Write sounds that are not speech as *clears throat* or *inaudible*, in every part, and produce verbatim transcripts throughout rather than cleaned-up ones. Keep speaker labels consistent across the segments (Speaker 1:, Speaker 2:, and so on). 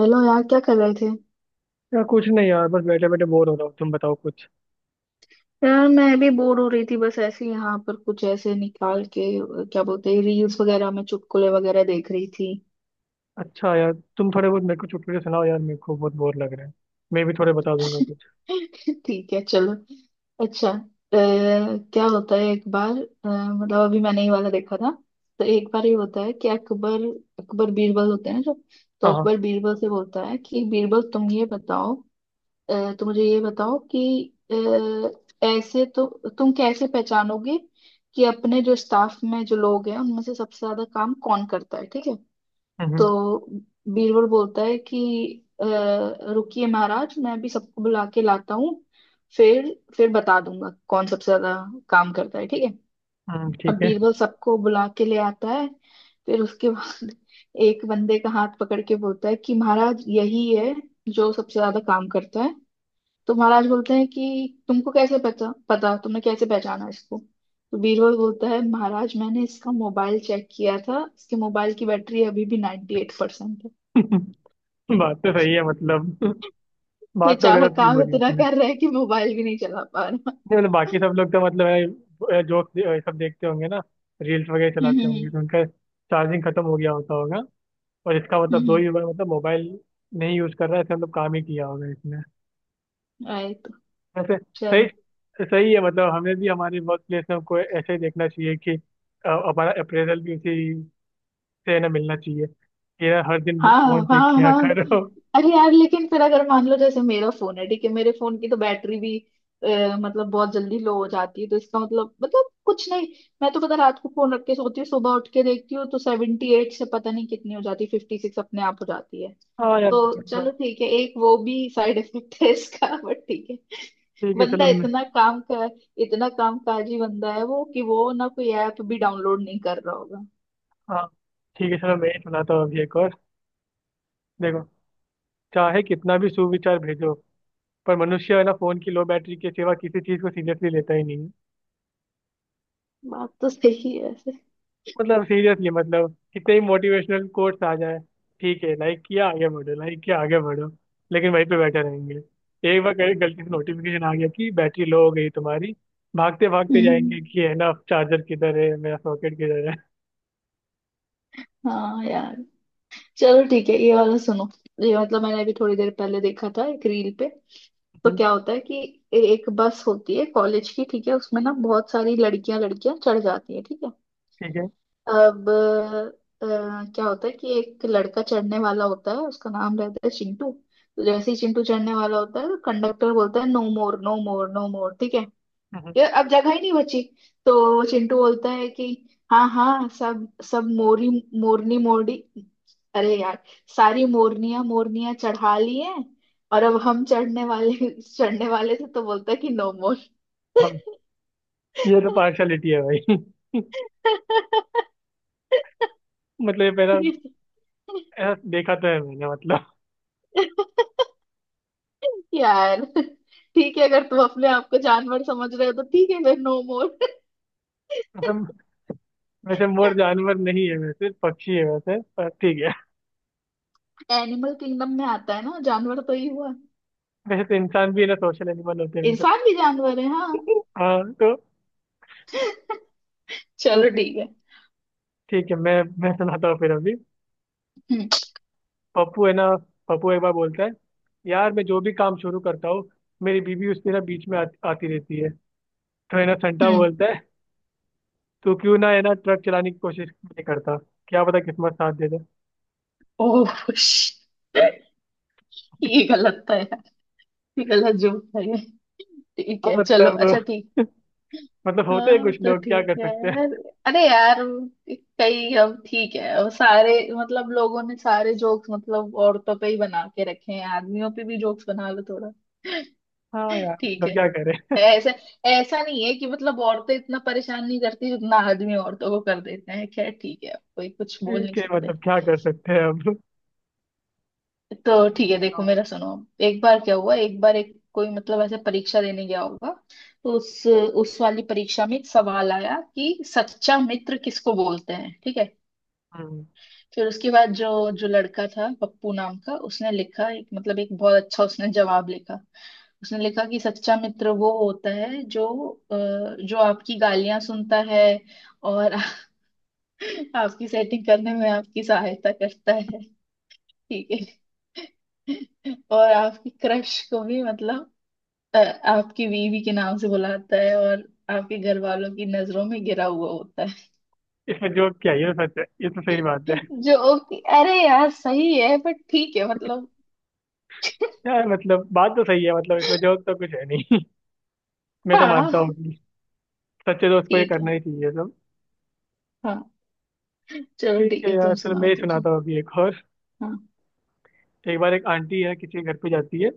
Speaker 1: Hello यार, क्या कर रहे थे?
Speaker 2: यार कुछ नहीं यार, बस बैठे बैठे बोर हो रहा हूँ। तुम बताओ कुछ।
Speaker 1: यार, मैं भी बोर हो रही थी। बस ऐसे ही यहाँ पर कुछ ऐसे निकाल के अ, क्या बोलते हैं, रील्स वगैरह में चुटकुले वगैरह देख रही थी।
Speaker 2: अच्छा यार, तुम थोड़े बहुत मेरे को चुटकुले सुनाओ यार, मेरे को बहुत बोर लग रहा है। मैं भी थोड़े बता दूंगा कुछ।
Speaker 1: *laughs* ठीक है, चलो। अच्छा, अ, क्या होता है एक बार? अ, मतलब अभी मैंने ये वाला देखा था। तो एक बार ये होता है कि अकबर अकबर बीरबल होते हैं जो।
Speaker 2: हाँ
Speaker 1: तो
Speaker 2: हाँ।
Speaker 1: अकबर बीरबल से बोलता है कि बीरबल, तुम ये बताओ। अ, तो मुझे ये बताओ कि अ, ऐसे तो तुम कैसे पहचानोगे कि अपने जो स्टाफ में जो लोग हैं उनमें से सबसे ज्यादा काम कौन करता है, ठीक है।
Speaker 2: हम्म हम्म,
Speaker 1: तो बीरबल बोलता है कि अ, रुकिए महाराज, मैं भी सबको बुला के लाता हूँ। फिर फिर बता दूंगा कौन सबसे ज्यादा काम करता है, ठीक है।
Speaker 2: हम्म,
Speaker 1: अब
Speaker 2: ठीक है।
Speaker 1: बीरबल सबको बुला के ले आता है। फिर उसके बाद *laughs* एक बंदे का हाथ पकड़ के बोलता है कि महाराज, यही है जो सबसे ज्यादा काम करता है। तो महाराज बोलते हैं कि तुमको कैसे पता पता तुमने कैसे पहचाना इसको? तो बीरबल बोलता है, महाराज, मैंने इसका मोबाइल चेक किया था, इसके मोबाइल की बैटरी अभी भी ninety eight percent eight percent है।
Speaker 2: *laughs* बात तो सही है मतलब। *laughs* बात तो
Speaker 1: बेचारा
Speaker 2: गलत नहीं
Speaker 1: काम
Speaker 2: बोली
Speaker 1: इतना
Speaker 2: उसने।
Speaker 1: कर रहा है कि मोबाइल भी नहीं चला पा रहा।
Speaker 2: नहीं मतलब, बाकी सब लोग तो मतलब जोक सब देखते होंगे ना। रील्स वगैरह
Speaker 1: हम्म
Speaker 2: चलाते
Speaker 1: हम्म
Speaker 2: होंगे तो उनका चार्जिंग खत्म हो गया होता होगा। और इसका मतलब दो
Speaker 1: हम्म।
Speaker 2: ही बार मतलब मोबाइल नहीं यूज कर रहा है, इसका मतलब काम ही किया होगा।
Speaker 1: राइट।
Speaker 2: वैसे। सही
Speaker 1: चलो।
Speaker 2: सही है मतलब हमें भी हमारे वर्क प्लेस में को ऐसे ही देखना चाहिए कि अ, हमारा अप्रेजल भी उसी से ना मिलना चाहिए कि यार हर दिन
Speaker 1: हाँ
Speaker 2: फोन चेक
Speaker 1: हाँ
Speaker 2: किया
Speaker 1: हाँ।
Speaker 2: करो।
Speaker 1: अरे यार, लेकिन फिर अगर मान लो जैसे मेरा फोन है, ठीक है, मेरे फोन की तो बैटरी भी अ, मतलब बहुत जल्दी लो हो जाती है, तो इसका मतलब मतलब कुछ नहीं। मैं तो पता, रात को फोन रख के सोती हूँ, सुबह उठ के देखती हूँ तो सेवेंटी एट से पता नहीं कितनी हो जाती है, फिफ्टी सिक्स अपने आप हो जाती है।
Speaker 2: हाँ यार
Speaker 1: तो चलो
Speaker 2: मतलब।
Speaker 1: ठीक है, एक वो भी साइड इफेक्ट है इसका। *laughs* बट ठीक है,
Speaker 2: ठीक है
Speaker 1: बंदा
Speaker 2: चलो मैं।
Speaker 1: इतना काम का, इतना काम काजी बंदा है वो कि वो ना कोई ऐप भी डाउनलोड नहीं कर रहा होगा।
Speaker 2: हाँ, ठीक है चलो मैं ही सुनाता हूँ अभी एक और। देखो, चाहे कितना भी सुविचार भेजो पर मनुष्य है ना फोन की लो बैटरी के सिवा किसी चीज को सीरियसली लेता ही नहीं।
Speaker 1: बात तो सही है वैसे।
Speaker 2: मतलब सीरियसली मतलब कितने ही मोटिवेशनल कोट्स आ जाए। ठीक है, लाइक किया आगे बढ़ो, लाइक किया आगे बढ़ो, लेकिन वहीं पे बैठे रहेंगे। एक बार कहीं गलती से नोटिफिकेशन आ गया कि बैटरी लो हो गई तुम्हारी, भागते भागते
Speaker 1: हम्म।
Speaker 2: जाएंगे कि है ना चार्जर किधर है मेरा सॉकेट किधर है।
Speaker 1: हाँ यार। चलो ठीक है, ये वाला सुनो। ये मतलब मैंने अभी थोड़ी देर पहले देखा था एक रील पे। तो
Speaker 2: हम्म,
Speaker 1: क्या होता है कि ए- एक बस होती है कॉलेज की, ठीक है, उसमें ना बहुत सारी लड़कियां लड़कियां चढ़ जाती है, ठीक है।
Speaker 2: ठीक है।
Speaker 1: अब अ, क्या होता है कि एक लड़का चढ़ने वाला होता है, उसका नाम रहता है चिंटू। तो जैसे ही चिंटू चढ़ने वाला होता है, तो कंडक्टर बोलता है, no more, no more, no more, ठीक है।
Speaker 2: हम्म,
Speaker 1: यार, अब जगह ही नहीं बची। तो चिंटू बोलता है कि हाँ हाँ सब, सब मोरी, मोरनी मोरनी। अरे यार, सारी मोरनियां मोरनियां चढ़ा ली हैं। और अब हम चढ़ने वाले चढ़ने वाले थे, तो बोलता है कि नो मोर।
Speaker 2: हाँ। ये तो पार्शलिटी है भाई। *laughs* मतलब ये मेरा ऐसा देखा तो है मैंने, मतलब।
Speaker 1: यार ठीक है, अगर तुम अपने आप को जानवर समझ रहे हो तो ठीक है, फिर नो मोर।
Speaker 2: मतलब वैसे मोर जानवर नहीं है, वैसे पक्षी है वैसे, पर ठीक है।
Speaker 1: एनिमल किंगडम में आता है ना, जानवर तो ही हुआ।
Speaker 2: वैसे तो इंसान भी है ना सोशल एनिमल होते हैं वैसे।
Speaker 1: इंसान भी जानवर है, हाँ।
Speaker 2: *laughs* हाँ तो।
Speaker 1: *laughs*
Speaker 2: तो
Speaker 1: चलो ठीक है।
Speaker 2: ठीक है, मैं मैं सुनाता हूँ फिर अभी।
Speaker 1: हम्म
Speaker 2: पप्पू है ना, पप्पू एक बार बोलता है, यार मैं जो भी काम शुरू करता हूँ, मेरी बीवी उसमें ना बीच में आ, आती रहती है। तो है ना संटा
Speaker 1: हम्म।
Speaker 2: बोलता है, तू क्यों ना है ना ट्रक चलाने की कोशिश नहीं करता, क्या पता किस्मत साथ दे दे।
Speaker 1: ओह *laughs* श- ये गलत था यार, ये गलत जोक था ये। ठीक
Speaker 2: हाँ
Speaker 1: है, चलो, अच्छा
Speaker 2: मतलब।
Speaker 1: ठीक।
Speaker 2: मतलब होते हैं
Speaker 1: हाँ
Speaker 2: कुछ
Speaker 1: तो
Speaker 2: लोग, क्या
Speaker 1: ठीक
Speaker 2: कर
Speaker 1: है
Speaker 2: सकते हैं।
Speaker 1: यार। अरे यार, कई अब ठीक है, अब सारे मतलब लोगों ने सारे जोक्स मतलब औरतों पे ही बना के रखे हैं, आदमियों पे भी जोक्स बना लो थोड़ा।
Speaker 2: हाँ यार
Speaker 1: ठीक
Speaker 2: मतलब
Speaker 1: है।
Speaker 2: क्या करें।
Speaker 1: ऐसा, ऐसा नहीं है कि मतलब औरतें इतना परेशान नहीं करती जितना आदमी औरतों को कर देते हैं, खैर ठीक है, अब कोई कुछ बोल नहीं
Speaker 2: ठीक है
Speaker 1: सकते।
Speaker 2: मतलब क्या कर सकते हैं, अब तुम
Speaker 1: तो ठीक है, देखो
Speaker 2: सुनाओ।
Speaker 1: मेरा सुनो अब। एक बार क्या हुआ, एक बार एक कोई मतलब ऐसे परीक्षा देने गया होगा। तो उस उस वाली परीक्षा में एक सवाल आया कि सच्चा मित्र किसको बोलते हैं, ठीक है।
Speaker 2: हम्म।
Speaker 1: फिर उसके बाद जो जो लड़का था पप्पू नाम का, उसने लिखा एक मतलब एक बहुत अच्छा उसने जवाब लिखा। उसने लिखा कि सच्चा मित्र वो होता है जो अ, जो आपकी गालियां सुनता है और *laughs* आपकी सेटिंग करने में आपकी सहायता करता है, ठीक है। *laughs* और आपकी क्रश को भी मतलब अ, आपकी बीवी के नाम से बुलाता है और आपके घर वालों की नजरों में गिरा हुआ होता है।
Speaker 2: इसमें जोक क्या है, ये तो सच है, ये तो सही बात है।
Speaker 1: *laughs* जो कि- अरे यार सही है, बट ठीक है मतलब।
Speaker 2: यार मतलब बात तो सही है, मतलब इसमें जोक तो कुछ है नहीं। *laughs* मैं तो मानता हूँ
Speaker 1: हाँ
Speaker 2: सच्चे दोस्त को ये
Speaker 1: ठीक
Speaker 2: करना
Speaker 1: है।
Speaker 2: ही चाहिए सब।
Speaker 1: हाँ, चलो
Speaker 2: ठीक
Speaker 1: ठीक
Speaker 2: है
Speaker 1: है,
Speaker 2: यार
Speaker 1: तुम
Speaker 2: चलो, मैं
Speaker 1: सुनाओ
Speaker 2: ही
Speaker 1: कुछ।
Speaker 2: सुनाता हूँ अभी एक और।
Speaker 1: हाँ।
Speaker 2: एक बार एक आंटी है, किसी के घर पे जाती है।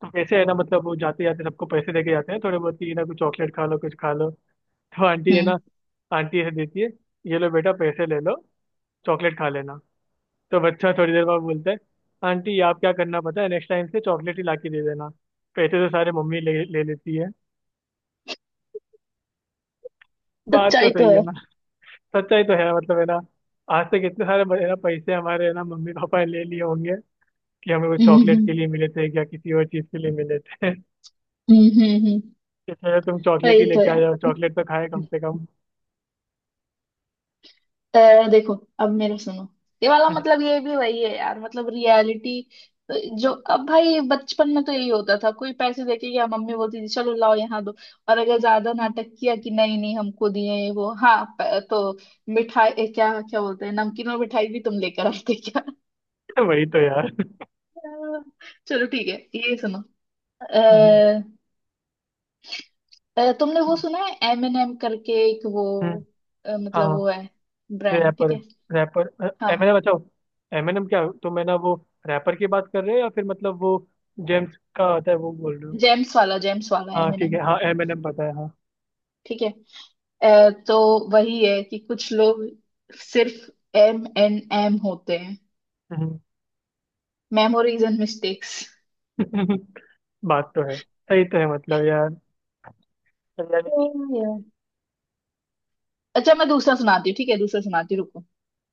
Speaker 2: तो कैसे है ना मतलब वो जाते जाते सबको पैसे देके जाते हैं, थोड़े बहुत ही ना, कुछ चॉकलेट खा लो कुछ खा लो। तो आंटी है
Speaker 1: हम्म।
Speaker 2: ना, आंटी ऐसे देती है, ये लो बेटा पैसे ले लो, चॉकलेट खा लेना। तो बच्चा थोड़ी देर बाद बोलता है, आंटी आप क्या करना पता है, नेक्स्ट टाइम से चॉकलेट ही ला के दे देना, पैसे तो सारे मम्मी ले ले लेती है। बात तो
Speaker 1: सच्चाई
Speaker 2: सही
Speaker 1: तो
Speaker 2: है
Speaker 1: है।
Speaker 2: ना। सच्चाई तो है मतलब है ना, आज तक इतने सारे है ना पैसे हमारे है ना मम्मी पापा ने ले लिए होंगे कि हमें वो
Speaker 1: हम्म
Speaker 2: चॉकलेट
Speaker 1: हम्म।
Speaker 2: के लिए मिले थे या किसी और चीज के लिए मिले थे। *laughs*
Speaker 1: हम्म हम्म, हम्म।
Speaker 2: इसलिए तो तुम चॉकलेट
Speaker 1: वही
Speaker 2: ही
Speaker 1: तो
Speaker 2: लेके आ
Speaker 1: है।
Speaker 2: जाओ, चॉकलेट तो खाए कम से कम।
Speaker 1: अ, देखो, अब मेरा सुनो। ये वाला मतलब
Speaker 2: *laughs*
Speaker 1: ये भी वही है यार, मतलब रियलिटी। तो जो अब भाई बचपन में तो यही होता था, कोई पैसे देके या मम्मी बोलती थी चलो लाओ यहाँ दो। और अगर ज्यादा नाटक किया कि नहीं नहीं हमको दिए ये वो, हाँ प- तो मिठाई ए, क्या क्या बोलते हैं, नमकीन और मिठाई भी तुम लेकर आते क्या?
Speaker 2: वही तो यार। *laughs*
Speaker 1: *laughs* चलो ठीक है ये सुनो।
Speaker 2: हम्म,
Speaker 1: अ, अ, तुमने वो सुना है एम एन एम करके एक वो?
Speaker 2: हम्म,
Speaker 1: अ, मतलब
Speaker 2: हाँ।
Speaker 1: वो है ब्रांड, ठीक
Speaker 2: रैपर
Speaker 1: है।
Speaker 2: रैपर।
Speaker 1: हाँ।
Speaker 2: एमएनएम बचाओ। एमएनएम क्या, तुम है ना वो रैपर की बात कर रहे हो या फिर मतलब वो जेम्स का आता है वो बोल रहे हो?
Speaker 1: जेम्स वाला जेम्स वाला
Speaker 2: हाँ
Speaker 1: एम एन
Speaker 2: ठीक
Speaker 1: एम।
Speaker 2: है, हाँ एमएनएम पता है हाँ।
Speaker 1: ठीक है। अ, तो वही है कि कुछ लोग सिर्फ एम एन एम होते हैं,
Speaker 2: हम्म।
Speaker 1: Memories and mistakes.
Speaker 2: *laughs* बात तो है सही तो है मतलब यार। *laughs* यानी कि
Speaker 1: अच्छा मैं दूसरा सुनाती हूँ, ठीक है, दूसरा सुनाती हूँ, रुको।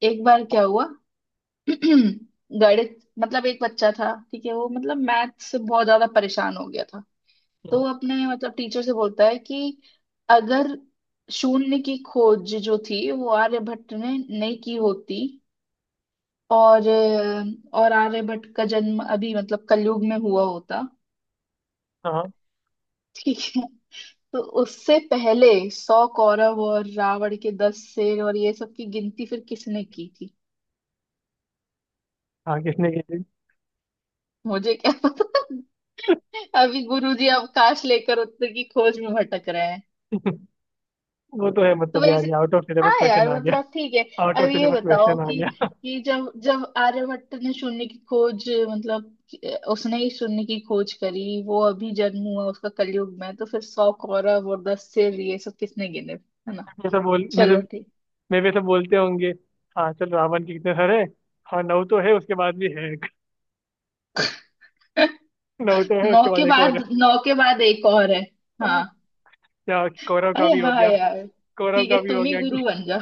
Speaker 1: एक बार क्या हुआ। *clears throat* गणित, मतलब एक बच्चा था, ठीक है, वो मतलब मैथ से बहुत ज्यादा परेशान हो गया था। तो वो अपने मतलब टीचर से बोलता है कि अगर शून्य की खोज जो थी वो आर्यभट्ट ने नहीं की होती और अ, और आर्यभट्ट का जन्म अभी मतलब कलयुग में हुआ होता,
Speaker 2: हाँ
Speaker 1: ठीक है, तो उससे पहले सौ कौरव और रावण के दस शेर और ये सब की गिनती फिर किसने की थी?
Speaker 2: हाँ किसने की थी?
Speaker 1: मुझे क्या पता, अभी गुरुजी अवकाश लेकर उत्तर की खोज में भटक रहे हैं।
Speaker 2: वो तो है
Speaker 1: तो
Speaker 2: मतलब यार
Speaker 1: वैसे,
Speaker 2: ये आउट ऑफ सिलेबस
Speaker 1: हाँ
Speaker 2: क्वेश्चन
Speaker 1: यार
Speaker 2: आ गया।
Speaker 1: मतलब ठीक है।
Speaker 2: आउट
Speaker 1: अब
Speaker 2: ऑफ
Speaker 1: ये
Speaker 2: सिलेबस
Speaker 1: बताओ
Speaker 2: क्वेश्चन आ
Speaker 1: कि
Speaker 2: गया।
Speaker 1: कि जब जब आर्यभट्ट ने शून्य की खोज मतलब कि- उसने ही शून्य की खोज करी, वो अभी जन्म हुआ उसका कलयुग में, तो फिर सौ कौरव और दस सिर ये सब किसने गिने, है ना?
Speaker 2: जैसे बोल मैं तो,
Speaker 1: चलो ठीक।
Speaker 2: मैं भी ऐसे बोलते होंगे। हाँ चल, रावण के कितने सारे, हाँ नौ तो है उसके बाद भी है एक। *laughs* नौ
Speaker 1: *laughs*
Speaker 2: तो है
Speaker 1: नौ
Speaker 2: उसके बाद
Speaker 1: के
Speaker 2: एक और है।
Speaker 1: बाद नौ के बाद एक और है।
Speaker 2: *laughs*
Speaker 1: हाँ।
Speaker 2: हाँ। या कौरव का
Speaker 1: अरे
Speaker 2: भी हो
Speaker 1: हाँ
Speaker 2: गया,
Speaker 1: यार।
Speaker 2: कौरव
Speaker 1: ठीक है,
Speaker 2: का भी
Speaker 1: तुम
Speaker 2: हो
Speaker 1: ही
Speaker 2: गया
Speaker 1: गुरु
Speaker 2: कि
Speaker 1: बन जाओ।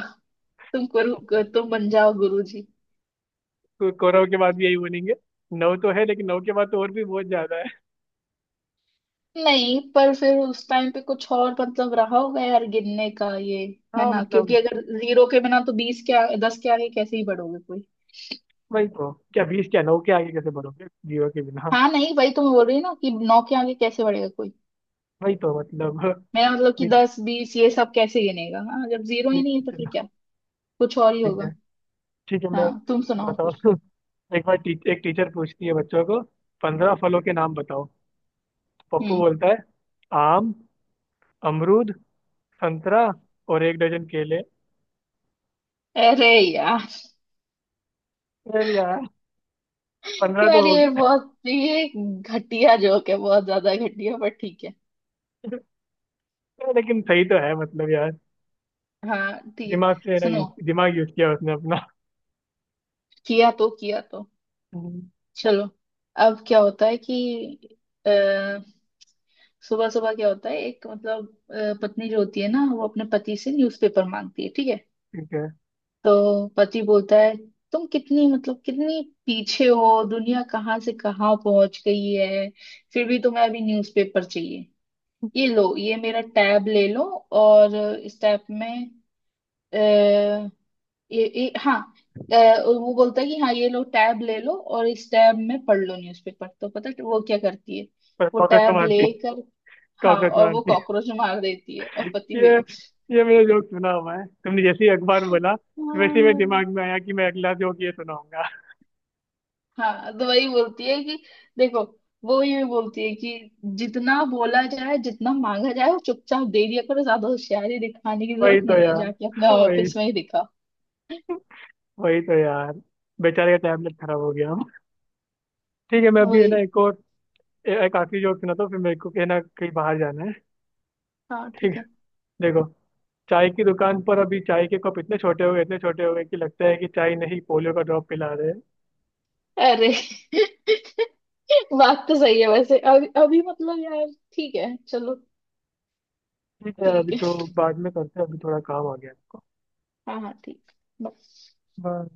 Speaker 1: तुम गुरु
Speaker 2: *laughs*
Speaker 1: तुम बन जाओ गुरु जी।
Speaker 2: तो कौरव के बाद भी यही बोलेंगे, नौ तो है लेकिन नौ के बाद तो और भी बहुत ज्यादा है।
Speaker 1: नहीं, पर फिर उस टाइम पे कुछ और मतलब रहा होगा यार गिनने का ये,
Speaker 2: *laughs*
Speaker 1: है
Speaker 2: हाँ
Speaker 1: ना? क्योंकि
Speaker 2: मतलब
Speaker 1: अगर जीरो के बिना तो बीस के आ- दस के आगे कैसे ही बढ़ोगे कोई?
Speaker 2: वही तो, क्या बीस, क्या नौ के आगे कैसे बोलोगे जीरो के बिना? हाँ।
Speaker 1: हाँ नहीं, वही तो मैं बोल रही हूँ ना कि नौ के आगे कैसे बढ़ेगा कोई?
Speaker 2: वही तो मतलब।
Speaker 1: मेरा मतलब
Speaker 2: *laughs*
Speaker 1: कि
Speaker 2: ठीक है।
Speaker 1: दस बीस ये सब कैसे गिनेगा, हाँ, जब जीरो ही
Speaker 2: ठीक
Speaker 1: नहीं है
Speaker 2: है
Speaker 1: तो फिर
Speaker 2: चलो,
Speaker 1: क्या? कुछ और ही
Speaker 2: ठीक
Speaker 1: होगा।
Speaker 2: है। ठीक है मैं
Speaker 1: हाँ, तुम सुनाओ
Speaker 2: सुनाता
Speaker 1: कुछ।
Speaker 2: हूँ। *laughs* एक बार टी, एक टीचर पूछती है बच्चों को, पंद्रह फलों के नाम बताओ। पप्पू
Speaker 1: हम्म।
Speaker 2: बोलता है आम, अमरूद, संतरा और एक डजन केले।
Speaker 1: अरे यार
Speaker 2: चल यार,
Speaker 1: *laughs*
Speaker 2: पंद्रह
Speaker 1: यार,
Speaker 2: तो हो
Speaker 1: ये बहुत ये घटिया जोक है, बहुत ज्यादा घटिया, पर ठीक है।
Speaker 2: गए लेकिन सही तो है मतलब यार,
Speaker 1: हाँ ठीक है।
Speaker 2: दिमाग से है ना,
Speaker 1: सुनो,
Speaker 2: यूज दिमाग यूज किया उसने अपना।
Speaker 1: किया तो किया तो
Speaker 2: हम्म,
Speaker 1: चलो। अब क्या होता है कि अ, सुबह सुबह क्या होता है, एक मतलब अ, पत्नी जो होती है ना वो अपने पति से न्यूज़पेपर मांगती है, ठीक है।
Speaker 2: ठीक है।
Speaker 1: तो पति बोलता है, तुम कितनी मतलब कितनी पीछे हो, दुनिया कहाँ से कहाँ पहुंच गई है, फिर भी तुम्हें अभी न्यूज़पेपर चाहिए? ये लो, ये मेरा टैब ले लो, और इस टैब में ये, ये हाँ अ, वो बोलता है कि हाँ ये लो टैब ले लो और इस टैब में पढ़ लो न्यूज़पेपर। तो पता है वो क्या करती है?
Speaker 2: पर
Speaker 1: वो
Speaker 2: कॉकरोच को
Speaker 1: टैब
Speaker 2: मारती,
Speaker 1: लेकर, हाँ,
Speaker 2: कॉकरोच
Speaker 1: और वो
Speaker 2: मारती।
Speaker 1: कॉकरोच मार देती है और पति
Speaker 2: ये
Speaker 1: बेहोश।
Speaker 2: ये मेरा जोक सुना हुआ है, तुमने जैसे ही अखबार में बोला वैसे ही मेरे
Speaker 1: हाँ,
Speaker 2: दिमाग में आया कि मैं अगला जोक ये सुनाऊंगा।
Speaker 1: हाँ, तो वही बोलती है कि देखो, वो ये बोलती है कि जितना बोला जाए जितना मांगा जाए वो चुपचाप दे दिया करो, ज्यादा होशियारी दिखाने की
Speaker 2: वही
Speaker 1: जरूरत
Speaker 2: तो
Speaker 1: नहीं है, जाके अपने
Speaker 2: यार वही,
Speaker 1: ऑफिस में ही दिखा।
Speaker 2: वही तो यार, बेचारे का टैबलेट खराब हो गया। ठीक है मैं अभी है
Speaker 1: वही।
Speaker 2: ना एक और, ए- एक आखिरी जोक सुनाता हूँ फिर मेरे को है ना कहीं बाहर जाना है।
Speaker 1: हाँ
Speaker 2: ठीक
Speaker 1: ठीक
Speaker 2: है,
Speaker 1: है।
Speaker 2: देखो, चाय की दुकान पर अभी चाय के कप इतने छोटे हो गए इतने छोटे हो गए कि लगता है कि चाय नहीं पोलियो का ड्रॉप पिला रहे हैं।
Speaker 1: अरे *laughs* बात तो सही है वैसे, अभी अभी मतलब यार। ठीक है चलो।
Speaker 2: ठीक है अभी
Speaker 1: ठीक
Speaker 2: तो
Speaker 1: है,
Speaker 2: बाद में करते हैं, अभी थोड़ा काम आ गया है हमको।
Speaker 1: हाँ हाँ ठीक।
Speaker 2: बाय।